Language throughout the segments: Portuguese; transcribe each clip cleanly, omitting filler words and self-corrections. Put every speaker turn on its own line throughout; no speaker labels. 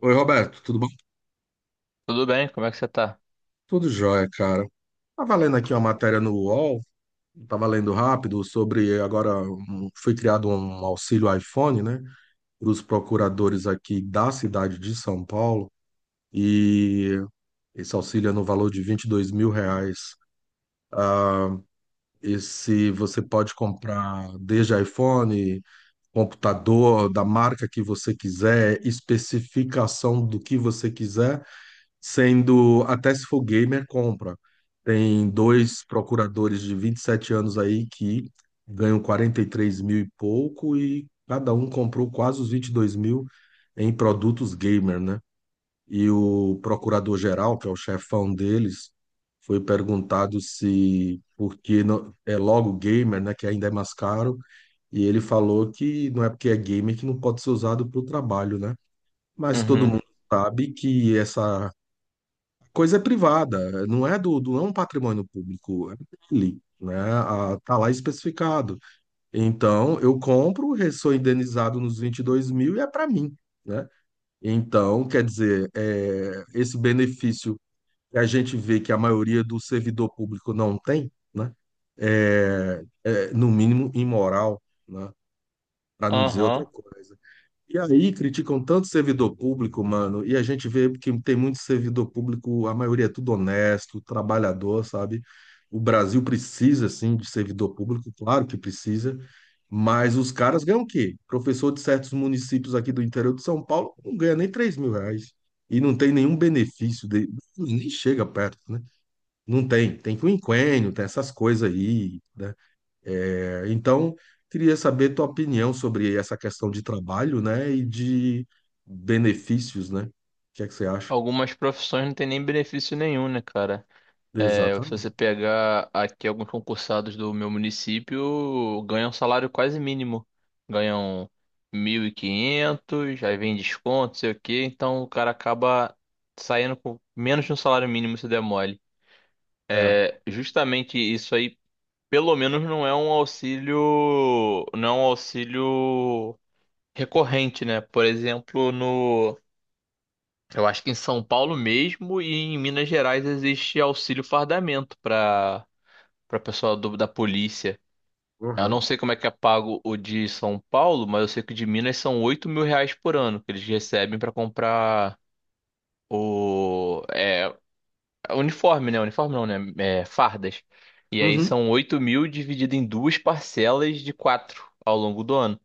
Oi, Roberto, tudo bom?
Tudo bem, como é que você tá?
Tudo jóia, cara. Tava lendo aqui uma matéria no UOL, tava lendo rápido sobre agora foi criado um auxílio iPhone, né, para os procuradores aqui da cidade de São Paulo e esse auxílio é no valor de 22 mil reais. Ah, esse você pode comprar desde iPhone, computador da marca que você quiser, especificação do que você quiser sendo até se for gamer, compra. Tem dois procuradores de 27 anos aí que ganham 43 mil e pouco e cada um comprou quase os 22 mil em produtos gamer, né? E o procurador-geral, que é o chefão deles, foi perguntado se porque não, é logo gamer, né, que ainda é mais caro, e ele falou que não é porque é gamer que não pode ser usado para o trabalho, né? Mas todo
Uhum.
mundo sabe que essa coisa é privada, não é do, do não é um patrimônio público, é dele, né? Ah, tá lá especificado. Então, eu compro, sou indenizado nos 22 mil e é para mim, né? Então, quer dizer, esse benefício que a gente vê que a maioria do servidor público não tem, né? É, no mínimo imoral, né? Para não dizer
Aham.
outra coisa. E aí criticam tanto servidor público, mano, e a gente vê que tem muito servidor público, a maioria é tudo honesto, trabalhador, sabe? O Brasil precisa, sim, de servidor público, claro que precisa, mas os caras ganham o quê? Professor de certos municípios aqui do interior de São Paulo não ganha nem 3 mil reais e não tem nenhum benefício, nem chega perto, né? Não tem, tem quinquênio, tem essas coisas aí, né? Então, queria saber tua opinião sobre essa questão de trabalho, né, e de benefícios, né? O que é que você acha?
Algumas profissões não tem nem benefício nenhum, né, cara? É, se você
Exatamente.
pegar aqui alguns concursados do meu município, ganham salário quase mínimo. Ganham 1.500, aí vem desconto, sei o quê. Então o cara acaba saindo com menos de um salário mínimo se der mole.
É.
É, justamente isso aí, pelo menos não é um auxílio, não é um auxílio recorrente, né? Por exemplo, no Eu acho que em São Paulo mesmo e em Minas Gerais existe auxílio fardamento para pessoal da polícia. Eu não
Uhum.
sei como é que é pago o de São Paulo, mas eu sei que o de Minas são R$ 8 mil por ano que eles recebem para comprar o uniforme, né? Uniforme não, né? É, fardas. E aí
Uhum.
são 8 mil dividido em duas parcelas de quatro ao longo do ano.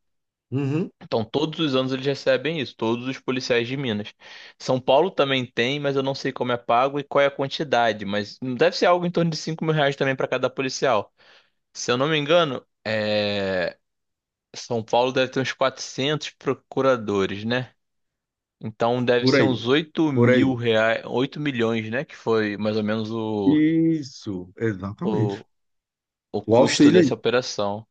Uhum.
Então, todos os anos eles recebem isso, todos os policiais de Minas. São Paulo também tem, mas eu não sei como é pago e qual é a quantidade, mas deve ser algo em torno de R$ 5 mil também para cada policial. Se eu não me engano, é, São Paulo deve ter uns 400 procuradores, né? Então deve
Por
ser
aí,
uns oito
por
mil
aí.
reais, 8 milhões, né? Que foi mais ou menos
Isso, exatamente.
o, o
O
custo
auxílio aí.
dessa operação.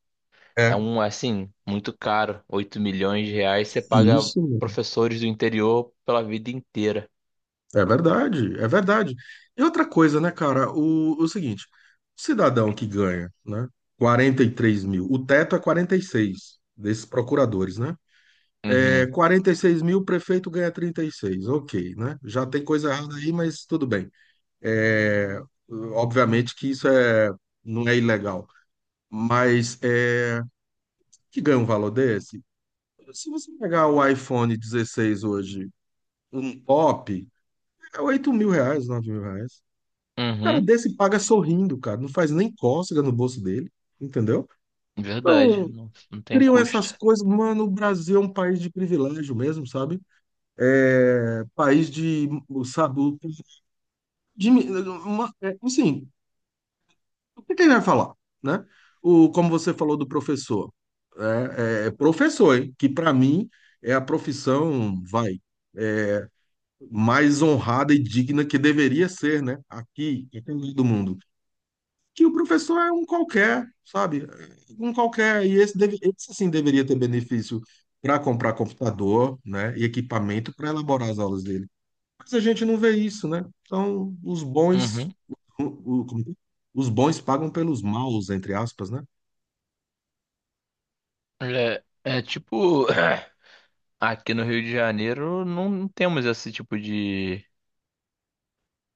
É
É.
um, assim, muito caro. R$ 8 milhões você paga
Isso, meu.
professores do interior pela vida inteira.
É verdade, é verdade. E outra coisa, né, cara? O seguinte, o cidadão que ganha, né? 43 mil, o teto é 46 desses procuradores, né? É
Uhum.
46 mil, o prefeito ganha 36. Ok, né? Já tem coisa errada aí, mas tudo bem. É, obviamente que isso não é ilegal. Mas que ganha um valor desse? Se você pegar o iPhone 16 hoje, um top, é 8 mil reais, 9 mil reais. O cara
Uhum.
desse paga sorrindo, cara. Não faz nem cócega no bolso dele, entendeu?
Verdade.
Então,
Não, não tem
criam essas
custo.
coisas. Mano, o Brasil é um país de privilégio mesmo, sabe? País de, sabe, de, uma, assim, o que que ele vai falar, né? O, como você falou do professor, professor, hein? Que para mim é a profissão, vai, é, mais honrada e digna que deveria ser, né? Aqui, em todo do mundo. Que o professor é um qualquer, sabe? Um qualquer. E esse sim deveria ter benefício para comprar computador, né? E equipamento para elaborar as aulas dele. Mas a gente não vê isso, né? Então, os bons,
Uhum.
como é que é? Os bons pagam pelos maus, entre aspas, né?
É tipo, aqui no Rio de Janeiro não temos esse tipo de,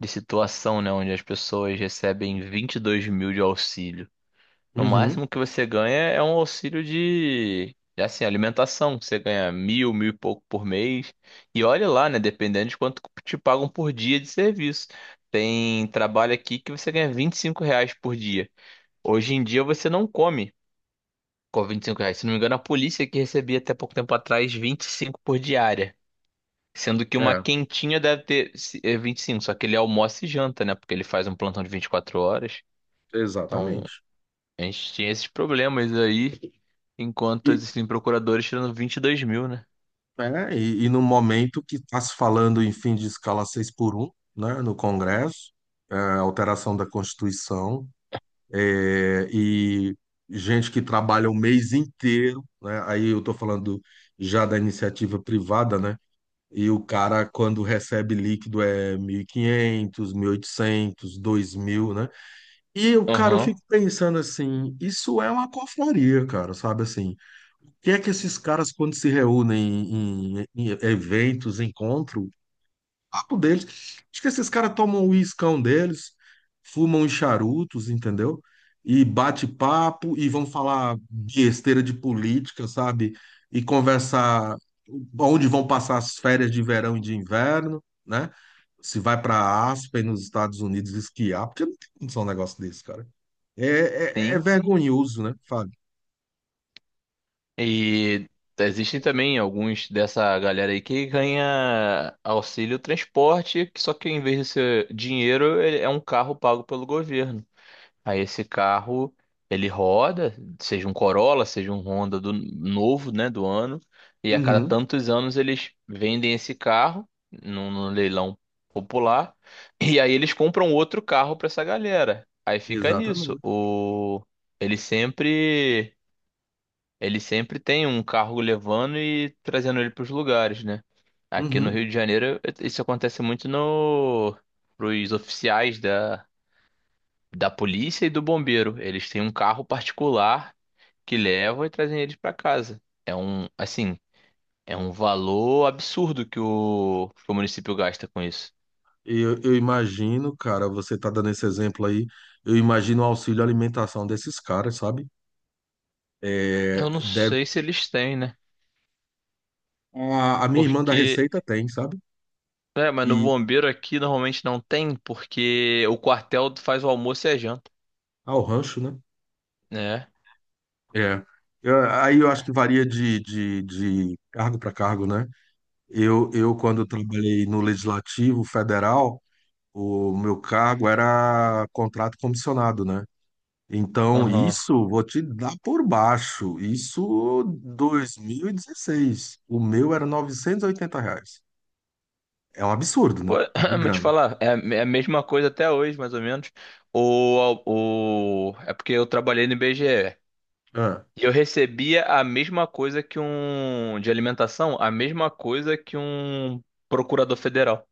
de situação, né? Onde as pessoas recebem 22 mil de auxílio. No
Uhum.
máximo que você ganha é um auxílio de, assim, alimentação. Que Você ganha mil, mil e pouco por mês. E olha lá, né? Dependendo de quanto te pagam por dia de serviço. Tem trabalho aqui que você ganha R$ 25 por dia. Hoje em dia você não come com R$ 25. Se não me engano, a polícia que recebia até pouco tempo atrás 25 por diária. Sendo que uma
É,
quentinha deve ter é 25, só que ele almoça e janta, né? Porque ele faz um plantão de 24 horas. Então,
exatamente.
a gente tinha esses problemas aí, enquanto
E,
existem procuradores tirando 22 mil, né?
e no momento que está se falando em fim de escala 6x1, né, no Congresso, alteração da Constituição, e gente que trabalha o mês inteiro, né, aí eu estou falando já da iniciativa privada, né? E o cara, quando recebe líquido, é mil mil e quinhentos mil e oitocentos dois mil, né? E o cara, eu
Aham.
fico pensando assim, isso é uma confraria, cara, sabe assim? O que é que esses caras, quando se reúnem em eventos, encontros, papo deles. Acho que esses caras tomam o iscão deles, fumam os charutos, entendeu? E bate papo e vão falar besteira de política, sabe? E conversar onde vão passar as férias de verão e de inverno, né? Se vai para Aspen, nos Estados Unidos, esquiar, porque não tem condição um negócio desse, cara. É
Sim.
vergonhoso, né, Fábio?
E existem também alguns dessa galera aí que ganha auxílio transporte, que só que em vez de ser dinheiro, ele é um carro pago pelo governo. Aí esse carro, ele roda, seja um Corolla, seja um Honda do novo, né, do ano, e a cada
Uhum,
tantos anos eles vendem esse carro num leilão popular, e aí eles compram outro carro para essa galera. Aí fica nisso.
exatamente.
O ele sempre ele sempre tem um carro levando e trazendo ele para os lugares, né? Aqui no
Uhum.
Rio de Janeiro, isso acontece muito no pros oficiais da polícia e do bombeiro. Eles têm um carro particular que levam e trazem eles para casa. Assim, é um valor absurdo que o município gasta com isso.
Eu imagino, cara, você tá dando esse exemplo aí, eu imagino o auxílio alimentação desses caras, sabe? É,
Eu não
deve,
sei se eles têm, né?
a minha irmã da
Porque,
Receita tem, sabe?
mas no
E
bombeiro aqui normalmente não tem, porque o quartel faz o almoço e a janta,
ao rancho, né?
né?
É. Aí eu acho que varia de cargo para cargo, né? Quando trabalhei no Legislativo Federal, o meu cargo era contrato comissionado, né? Então,
Aham.
isso vou te dar por baixo. Isso 2016. O meu era 980 reais. É um absurdo,
Pô,
né? De
vou te
grana.
falar, é a mesma coisa até hoje, mais ou menos. É porque eu trabalhei no IBGE.
É,
E eu recebia a mesma coisa que um de alimentação, a mesma coisa que um procurador federal.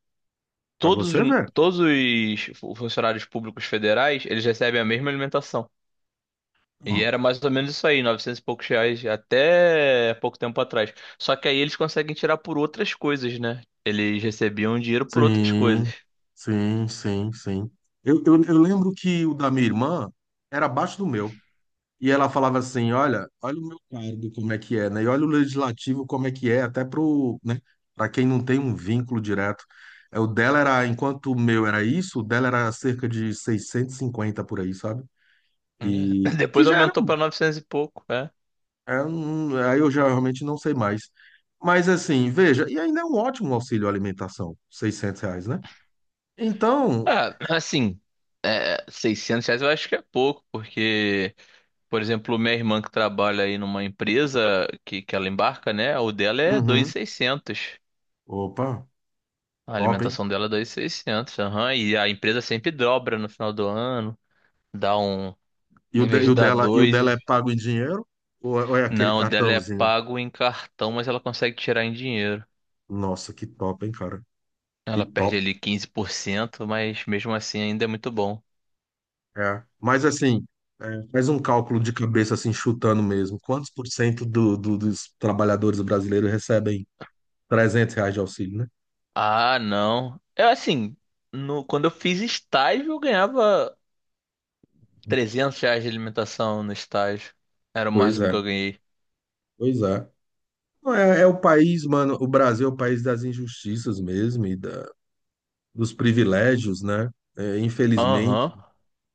pra
Todos,
você
os-
ver.
todos os fu- funcionários públicos federais, eles recebem a mesma alimentação. E
Pronto.
era mais ou menos isso aí, 900 e poucos reais até pouco tempo atrás. Só que aí eles conseguem tirar por outras coisas, né? Eles recebiam dinheiro por outras coisas.
Sim, sim, sim, sim. Eu lembro que o da minha irmã era abaixo do meu. E ela falava assim: olha, o meu cargo como é que é, né? E olha o legislativo como é que é, até pro, né? Para quem não tem um vínculo direto. O dela era, enquanto o meu era isso, o dela era cerca de 650 por aí, sabe?
É.
E que
Depois
já era,
aumentou para 900 e pouco, né?
aí eu já realmente não sei mais. Mas assim, veja, e ainda é um ótimo auxílio alimentação, 600 reais, né? Então,
Ah, assim, é, R$ 600 eu acho que é pouco, por exemplo, minha irmã que trabalha aí numa empresa que ela embarca, né? O dela é dois mil e
uhum,
seiscentos,
opa,
A
top, hein?
alimentação dela é 2.600, aham. E a empresa sempre dobra no final do ano, dá um,
E o,
em vez
de- e
de
o
dar
dela, e o dela é
dois,
pago em dinheiro? Ou é aquele
não, o dela é
cartãozinho?
pago em cartão, mas ela consegue tirar em dinheiro.
Nossa, que top, hein, cara? Que
Ela perde
top.
ali 15%, mas mesmo assim ainda é muito bom.
É. Mas assim, faz um cálculo de cabeça, assim, chutando mesmo. Quantos por cento do, dos trabalhadores brasileiros recebem 300 reais de auxílio, né?
Ah, não. É assim, no, quando eu fiz estágio, eu ganhava R$ 300 de alimentação no estágio. Era o
Pois
máximo
é,
que eu ganhei.
pois é. Não, é o país, mano, o Brasil é o país das injustiças mesmo e dos privilégios, né? Infelizmente,
Aham.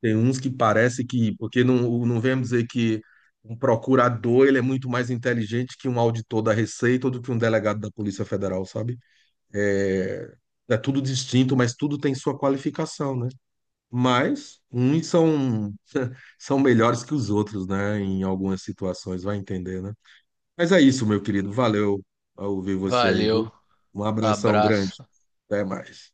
tem uns que parece que, porque não, não vemos dizer que um procurador, ele é muito mais inteligente que um auditor da Receita ou do que um delegado da Polícia Federal, sabe? É, é tudo distinto, mas tudo tem sua qualificação, né? Mas uns são, são melhores que os outros, né? Em algumas situações, vai entender, né? Mas é isso, meu querido. Valeu ao ouvir você aí,
Valeu,
viu? Um abração grande.
abraço.
Até mais.